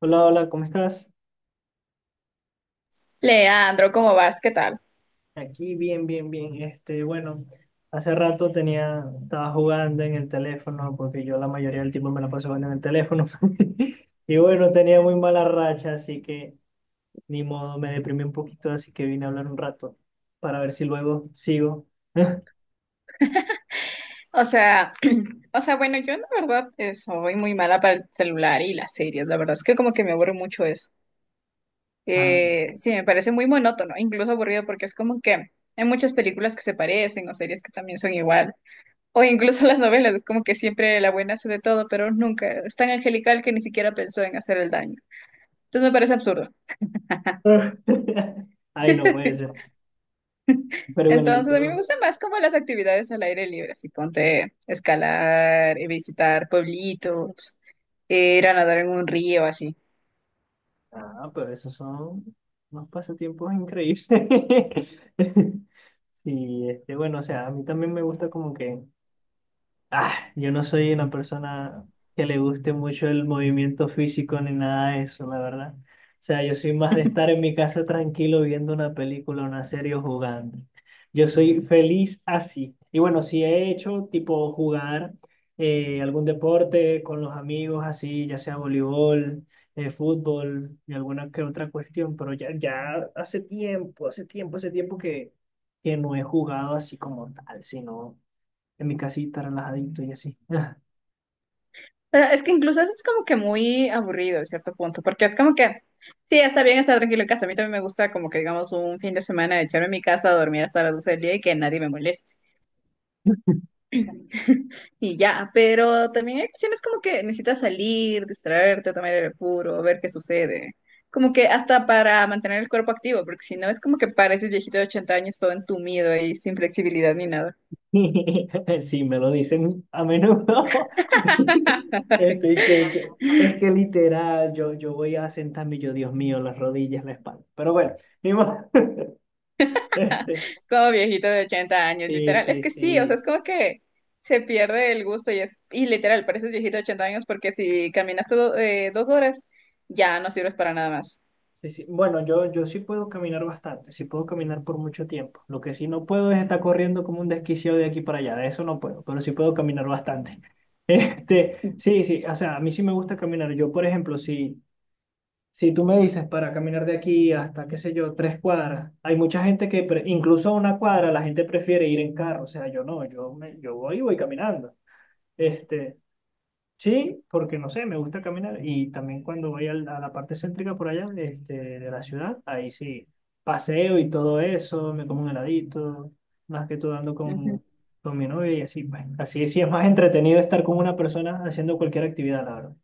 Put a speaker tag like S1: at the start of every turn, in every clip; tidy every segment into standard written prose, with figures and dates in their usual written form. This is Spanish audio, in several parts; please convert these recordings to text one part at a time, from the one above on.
S1: Hola, hola, ¿cómo estás?
S2: Leandro, ¿cómo vas? ¿Qué tal?
S1: Aquí bien, bien, bien. Bueno, hace rato estaba jugando en el teléfono porque yo la mayoría del tiempo me la paso jugando en el teléfono. Y bueno, tenía muy mala racha, así que ni modo, me deprimí un poquito, así que vine a hablar un rato para ver si luego sigo.
S2: O sea, o sea, bueno, yo la verdad soy muy mala para el celular y las series. La verdad es que como que me aburre mucho eso.
S1: Ah.
S2: Sí, me parece muy monótono, incluso aburrido porque es como que hay muchas películas que se parecen o series que también son igual. O incluso las novelas, es como que siempre la buena hace de todo, pero nunca es tan angelical que ni siquiera pensó en hacer el daño. Entonces me parece absurdo.
S1: Ay, no puede ser. Pero bueno, ¿y
S2: Entonces, a mí me
S1: tú?
S2: gustan más como las actividades al aire libre, así ponte escalar, visitar pueblitos, ir a nadar en un río, así.
S1: Ah, pero esos son unos pasatiempos increíbles. Y bueno, o sea, a mí también me gusta como que. Ah, yo no soy una persona que le guste mucho el movimiento físico ni nada de eso, la verdad. O sea, yo soy más de estar en mi casa tranquilo viendo una película, una serie o jugando. Yo soy feliz así. Y bueno, sí he hecho tipo jugar algún deporte con los amigos, así, ya sea voleibol, fútbol y alguna que otra cuestión, pero hace tiempo, hace tiempo, hace tiempo que no he jugado así como tal, sino en mi casita, relajadito y así.
S2: Pero es que incluso eso es como que muy aburrido en cierto punto, porque es como que, sí, está bien estar tranquilo en casa. A mí también me gusta como que, digamos, un fin de semana echarme en mi casa a dormir hasta las 12 del día y que nadie me moleste. Y ya, pero también hay ocasiones como que necesitas salir, distraerte, tomar aire puro, ver qué sucede. Como que hasta para mantener el cuerpo activo, porque si no es como que pareces viejito de 80 años todo entumido y sin flexibilidad ni nada.
S1: Sí, me lo dicen a menudo. Estoy que yo- es que literal, yo voy a sentarme, y yo, Dios mío, las rodillas, la espalda. Pero bueno, ni modo. Este,
S2: Como viejito de 80 años,
S1: sí,
S2: literal. Es
S1: sí,
S2: que sí, o sea,
S1: sí.
S2: es como que se pierde el gusto y es, y literal, pareces viejito de 80 años porque si caminaste 2 horas, ya no sirves para nada más.
S1: Sí, sí. Bueno, yo sí puedo caminar bastante, sí puedo caminar por mucho tiempo. Lo que sí no puedo es estar corriendo como un desquiciado de aquí para allá, de eso no puedo, pero sí puedo caminar bastante. Sí, sí, o sea, a mí sí me gusta caminar. Yo, por ejemplo, sí. Si tú me dices para caminar de aquí hasta, qué sé yo, 3 cuadras, hay mucha gente incluso a una cuadra, la gente prefiere ir en carro. O sea, yo no, yo voy y voy caminando. Este, sí, porque no sé, me gusta caminar. Y también cuando voy a la parte céntrica por allá, de la ciudad, ahí sí, paseo y todo eso, me como un heladito, más que todo ando
S2: Ujú.
S1: con mi novia y así. Bueno, así sí es más entretenido estar con una persona haciendo cualquier actividad, la verdad.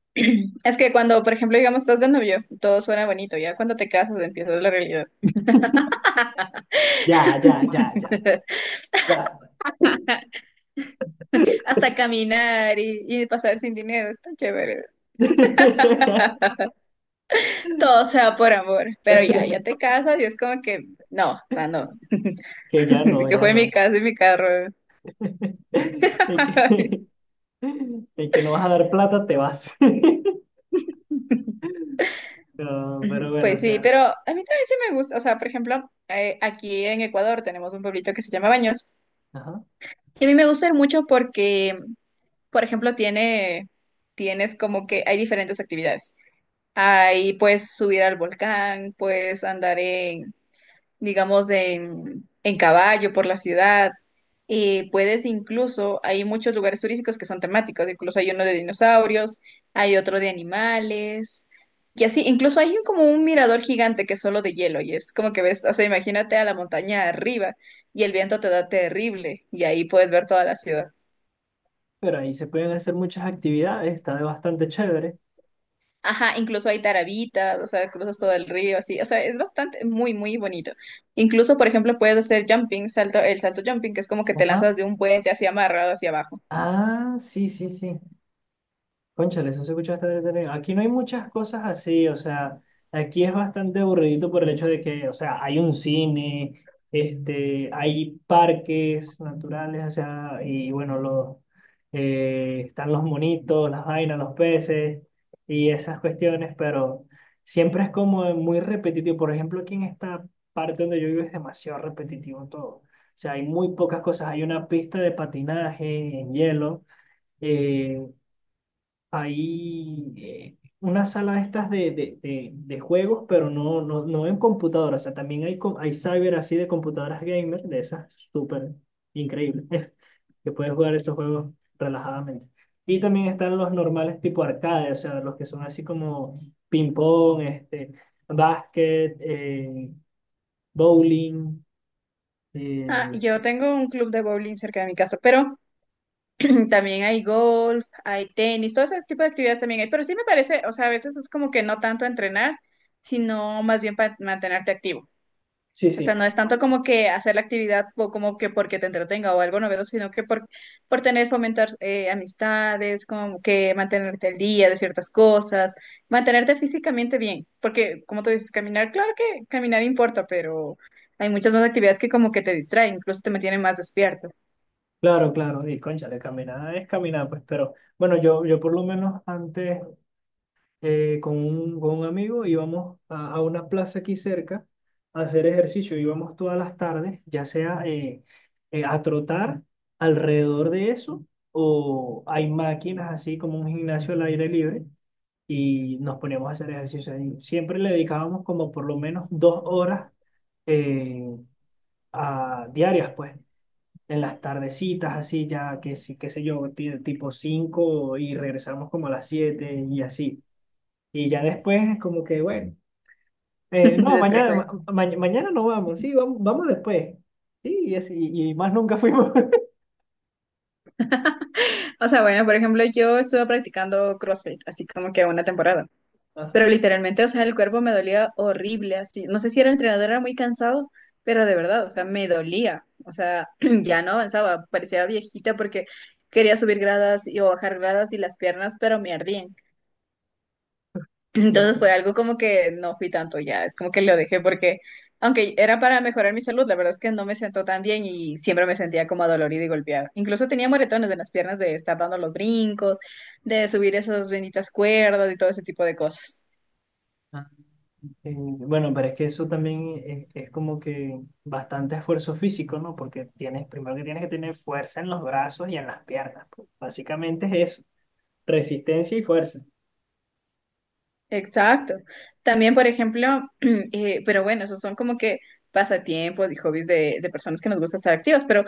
S2: Es que cuando, por ejemplo, digamos, estás de novio, todo suena bonito, ya cuando te casas empiezas la realidad.
S1: Ya, ya, ya, ya. Basta.
S2: Hasta caminar y pasar sin dinero, está chévere. Todo sea por amor, pero ya, ya te casas y es como que, no, o sea, no,
S1: Que ya no,
S2: que
S1: ya
S2: fue mi
S1: no.
S2: casa y mi carro.
S1: Y que, y que no vas a dar plata, te vas. Pero
S2: Ujú,
S1: bueno, o
S2: pues sí,
S1: sea,
S2: pero a mí también sí me gusta, o sea, por ejemplo, aquí en Ecuador tenemos un pueblito que se llama Baños
S1: ajá.
S2: y a mí me gusta ir mucho porque, por ejemplo, tiene, tienes como que hay diferentes actividades. Ahí puedes subir al volcán, puedes andar en, digamos, en caballo por la ciudad. Y puedes incluso, hay muchos lugares turísticos que son temáticos, incluso hay uno de dinosaurios, hay otro de animales, y así, incluso hay como un mirador gigante que es solo de hielo, y es como que ves, o sea, imagínate a la montaña arriba y el viento te da terrible, y ahí puedes ver toda la ciudad.
S1: Pero ahí se pueden hacer muchas actividades, está de bastante chévere.
S2: Ajá, incluso hay tarabitas, o sea, cruzas todo el río, así, o sea, es bastante, muy, muy bonito. Incluso, por ejemplo, puedes hacer jumping, salto, el salto jumping, que es como que te
S1: Ajá.
S2: lanzas de un puente así amarrado hacia abajo.
S1: Ah, sí, sí, sí. Cónchale, eso se escucha bastante entretenido. Aquí no hay muchas cosas así, o sea, aquí es bastante aburridito por el hecho de que, o sea, hay un cine, hay parques naturales, o sea, y bueno, están los monitos, las vainas, los peces y esas cuestiones, pero siempre es como muy repetitivo. Por ejemplo, aquí en esta parte donde yo vivo es demasiado repetitivo todo. O sea, hay muy pocas cosas. Hay una pista de patinaje en hielo. eh, Hay una sala de estas de juegos, pero no, no, no en computadoras. O sea, también hay cyber así de computadoras gamer, de esas súper increíbles, que puedes jugar esos juegos relajadamente. Y también están los normales tipo arcade, o sea, los que son así como ping-pong, básquet, bowling. eh,
S2: Ah, yo tengo un club de bowling cerca de mi casa, pero también hay golf, hay tenis, todo ese tipo de actividades también hay, pero sí me parece, o sea, a veces es como que no tanto entrenar, sino más bien para mantenerte activo.
S1: sí,
S2: O sea,
S1: sí,
S2: no es tanto como que hacer la actividad o como que porque te entretenga o algo novedoso, sino que por tener, fomentar amistades, como que mantenerte al día de ciertas cosas, mantenerte físicamente bien, porque como tú dices, caminar, claro que caminar importa, pero hay muchas más actividades que como que te distraen, incluso te mantienen más despierto.
S1: claro, claro. Y cónchale, caminar es caminar, pues, pero. Bueno, yo por lo menos antes con un, amigo, íbamos a una plaza aquí cerca a hacer ejercicio, íbamos todas las tardes, ya sea a trotar alrededor de eso o hay máquinas así como un gimnasio al aire libre y nos poníamos a hacer ejercicio ahí. Siempre le dedicábamos como por lo menos 2 horas eh, diarias, pues. En las tardecitas, así ya, que sí, qué sé yo, tipo 5 y regresamos como a las 7 y así. Y ya después es como que, bueno, no,
S2: Se te
S1: mañana, ma-
S2: fue.
S1: ma- mañana no vamos, sí, vamos, vamos después. Sí, y así, y más nunca fuimos.
S2: O sea, bueno, por ejemplo, yo estuve practicando CrossFit, así como que una temporada. Pero
S1: Ajá,
S2: literalmente, o sea, el cuerpo me dolía horrible, así. No sé si era el entrenador, era muy cansado, pero de verdad, o sea, me dolía. O sea, ya no avanzaba, parecía viejita porque quería subir gradas y, o bajar gradas y las piernas, pero me ardían.
S1: ya
S2: Entonces
S1: está.
S2: fue algo como que no fui tanto ya, es como que lo dejé porque, aunque era para mejorar mi salud, la verdad es que no me sentó tan bien y siempre me sentía como dolorida y golpeada. Incluso tenía moretones en las piernas de estar dando los brincos, de subir esas benditas cuerdas y todo ese tipo de cosas.
S1: Ah, bueno, pero es que eso también es como que bastante esfuerzo físico, ¿no? Porque tienes, primero que tienes que tener fuerza en los brazos y en las piernas. Pues. Básicamente es eso, resistencia y fuerza.
S2: Exacto. También, por ejemplo, pero bueno, esos son como que pasatiempos y hobbies de personas que nos gusta estar activas, pero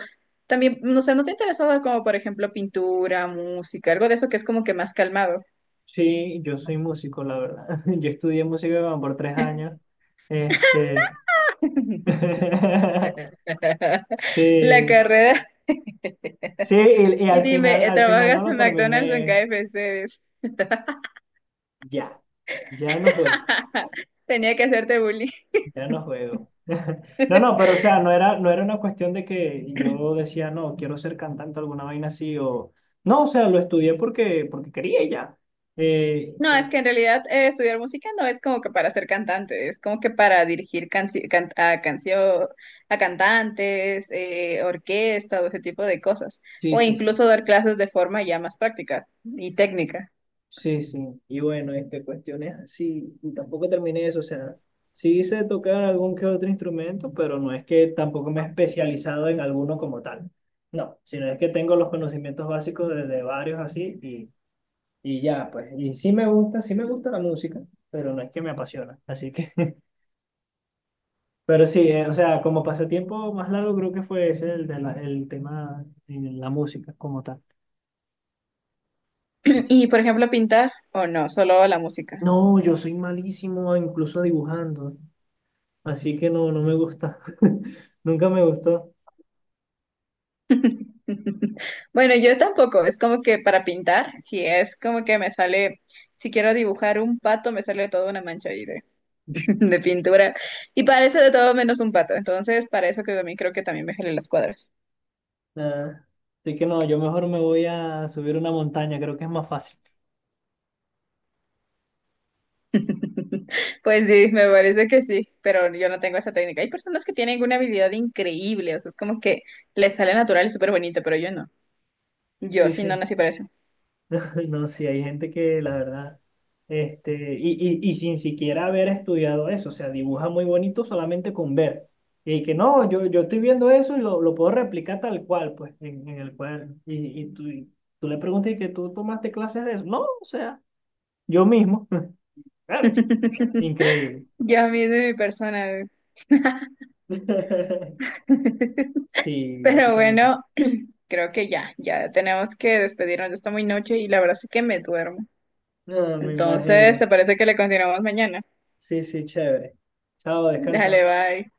S2: también, no sé, ¿no te ha interesado como, por ejemplo, pintura, música, algo de eso que es como que más calmado?
S1: Sí, yo soy músico, la verdad. Yo estudié música como por 3 años. Este,
S2: La
S1: sí.
S2: carrera,
S1: Sí, y
S2: y dime,
S1: al final no
S2: ¿trabajas
S1: lo
S2: en McDonald's o en
S1: terminé
S2: KFC?
S1: ya. Ya no juego,
S2: Tenía que hacerte bullying.
S1: ya no juego. No, no, pero o sea, no era una cuestión de que yo decía, no, quiero ser cantante, alguna vaina así, o no, o sea, lo estudié porque quería y ya. Eh,
S2: No, es
S1: eh,
S2: que en realidad estudiar música no es como que para ser cantante, es como que para dirigir a canción, a cantantes, orquesta, o ese tipo de cosas.
S1: sí,
S2: O
S1: sí, sí.
S2: incluso dar clases de forma ya más práctica y técnica.
S1: Sí, sí, y bueno, cuestiones así, y tampoco terminé eso, o sea, sí hice tocar algún que otro instrumento, pero no es que tampoco me he especializado en alguno como tal, no, sino es que tengo los conocimientos básicos de varios así, y ya, pues, y sí me gusta la música, pero no es que me apasiona, así que, pero sí, o sea, como pasatiempo más largo creo que fue ese, el tema en la música como tal.
S2: Y por ejemplo, pintar, o no, solo la música.
S1: No, yo soy malísimo incluso dibujando. Así que no, no me gusta. Nunca me gustó.
S2: Bueno, yo tampoco, es como que para pintar, si es como que me sale, si quiero dibujar un pato, me sale toda una mancha ahí de pintura y parece de todo menos un pato. Entonces, para eso que también creo que también me gelé las cuadras.
S1: Ah, así que no, yo mejor me voy a subir una montaña, creo que es más fácil.
S2: Pues sí, me parece que sí, pero yo no tengo esa técnica. Hay personas que tienen una habilidad increíble, o sea, es como que les sale natural y súper bonito, pero yo no. Yo
S1: Sí,
S2: sí no
S1: sí.
S2: nací para eso.
S1: No, sí, hay gente que la verdad, y sin siquiera haber estudiado eso, o sea, dibuja muy bonito solamente con ver. Y que no, yo estoy viendo eso y lo puedo replicar tal cual, pues, en el cuaderno. Y tú le preguntas y que tú tomaste clases de eso. No, o sea, yo mismo. Claro, increíble.
S2: Yo a mí de mi persona.
S1: Sí,
S2: Pero
S1: básicamente.
S2: bueno, creo que ya, ya tenemos que despedirnos. Ya está muy noche y la verdad es que me duermo.
S1: No, me
S2: Entonces, ¿te
S1: imagino.
S2: parece que le continuamos mañana?
S1: Sí, sí, chévere. Chao, descansa.
S2: Dale, bye.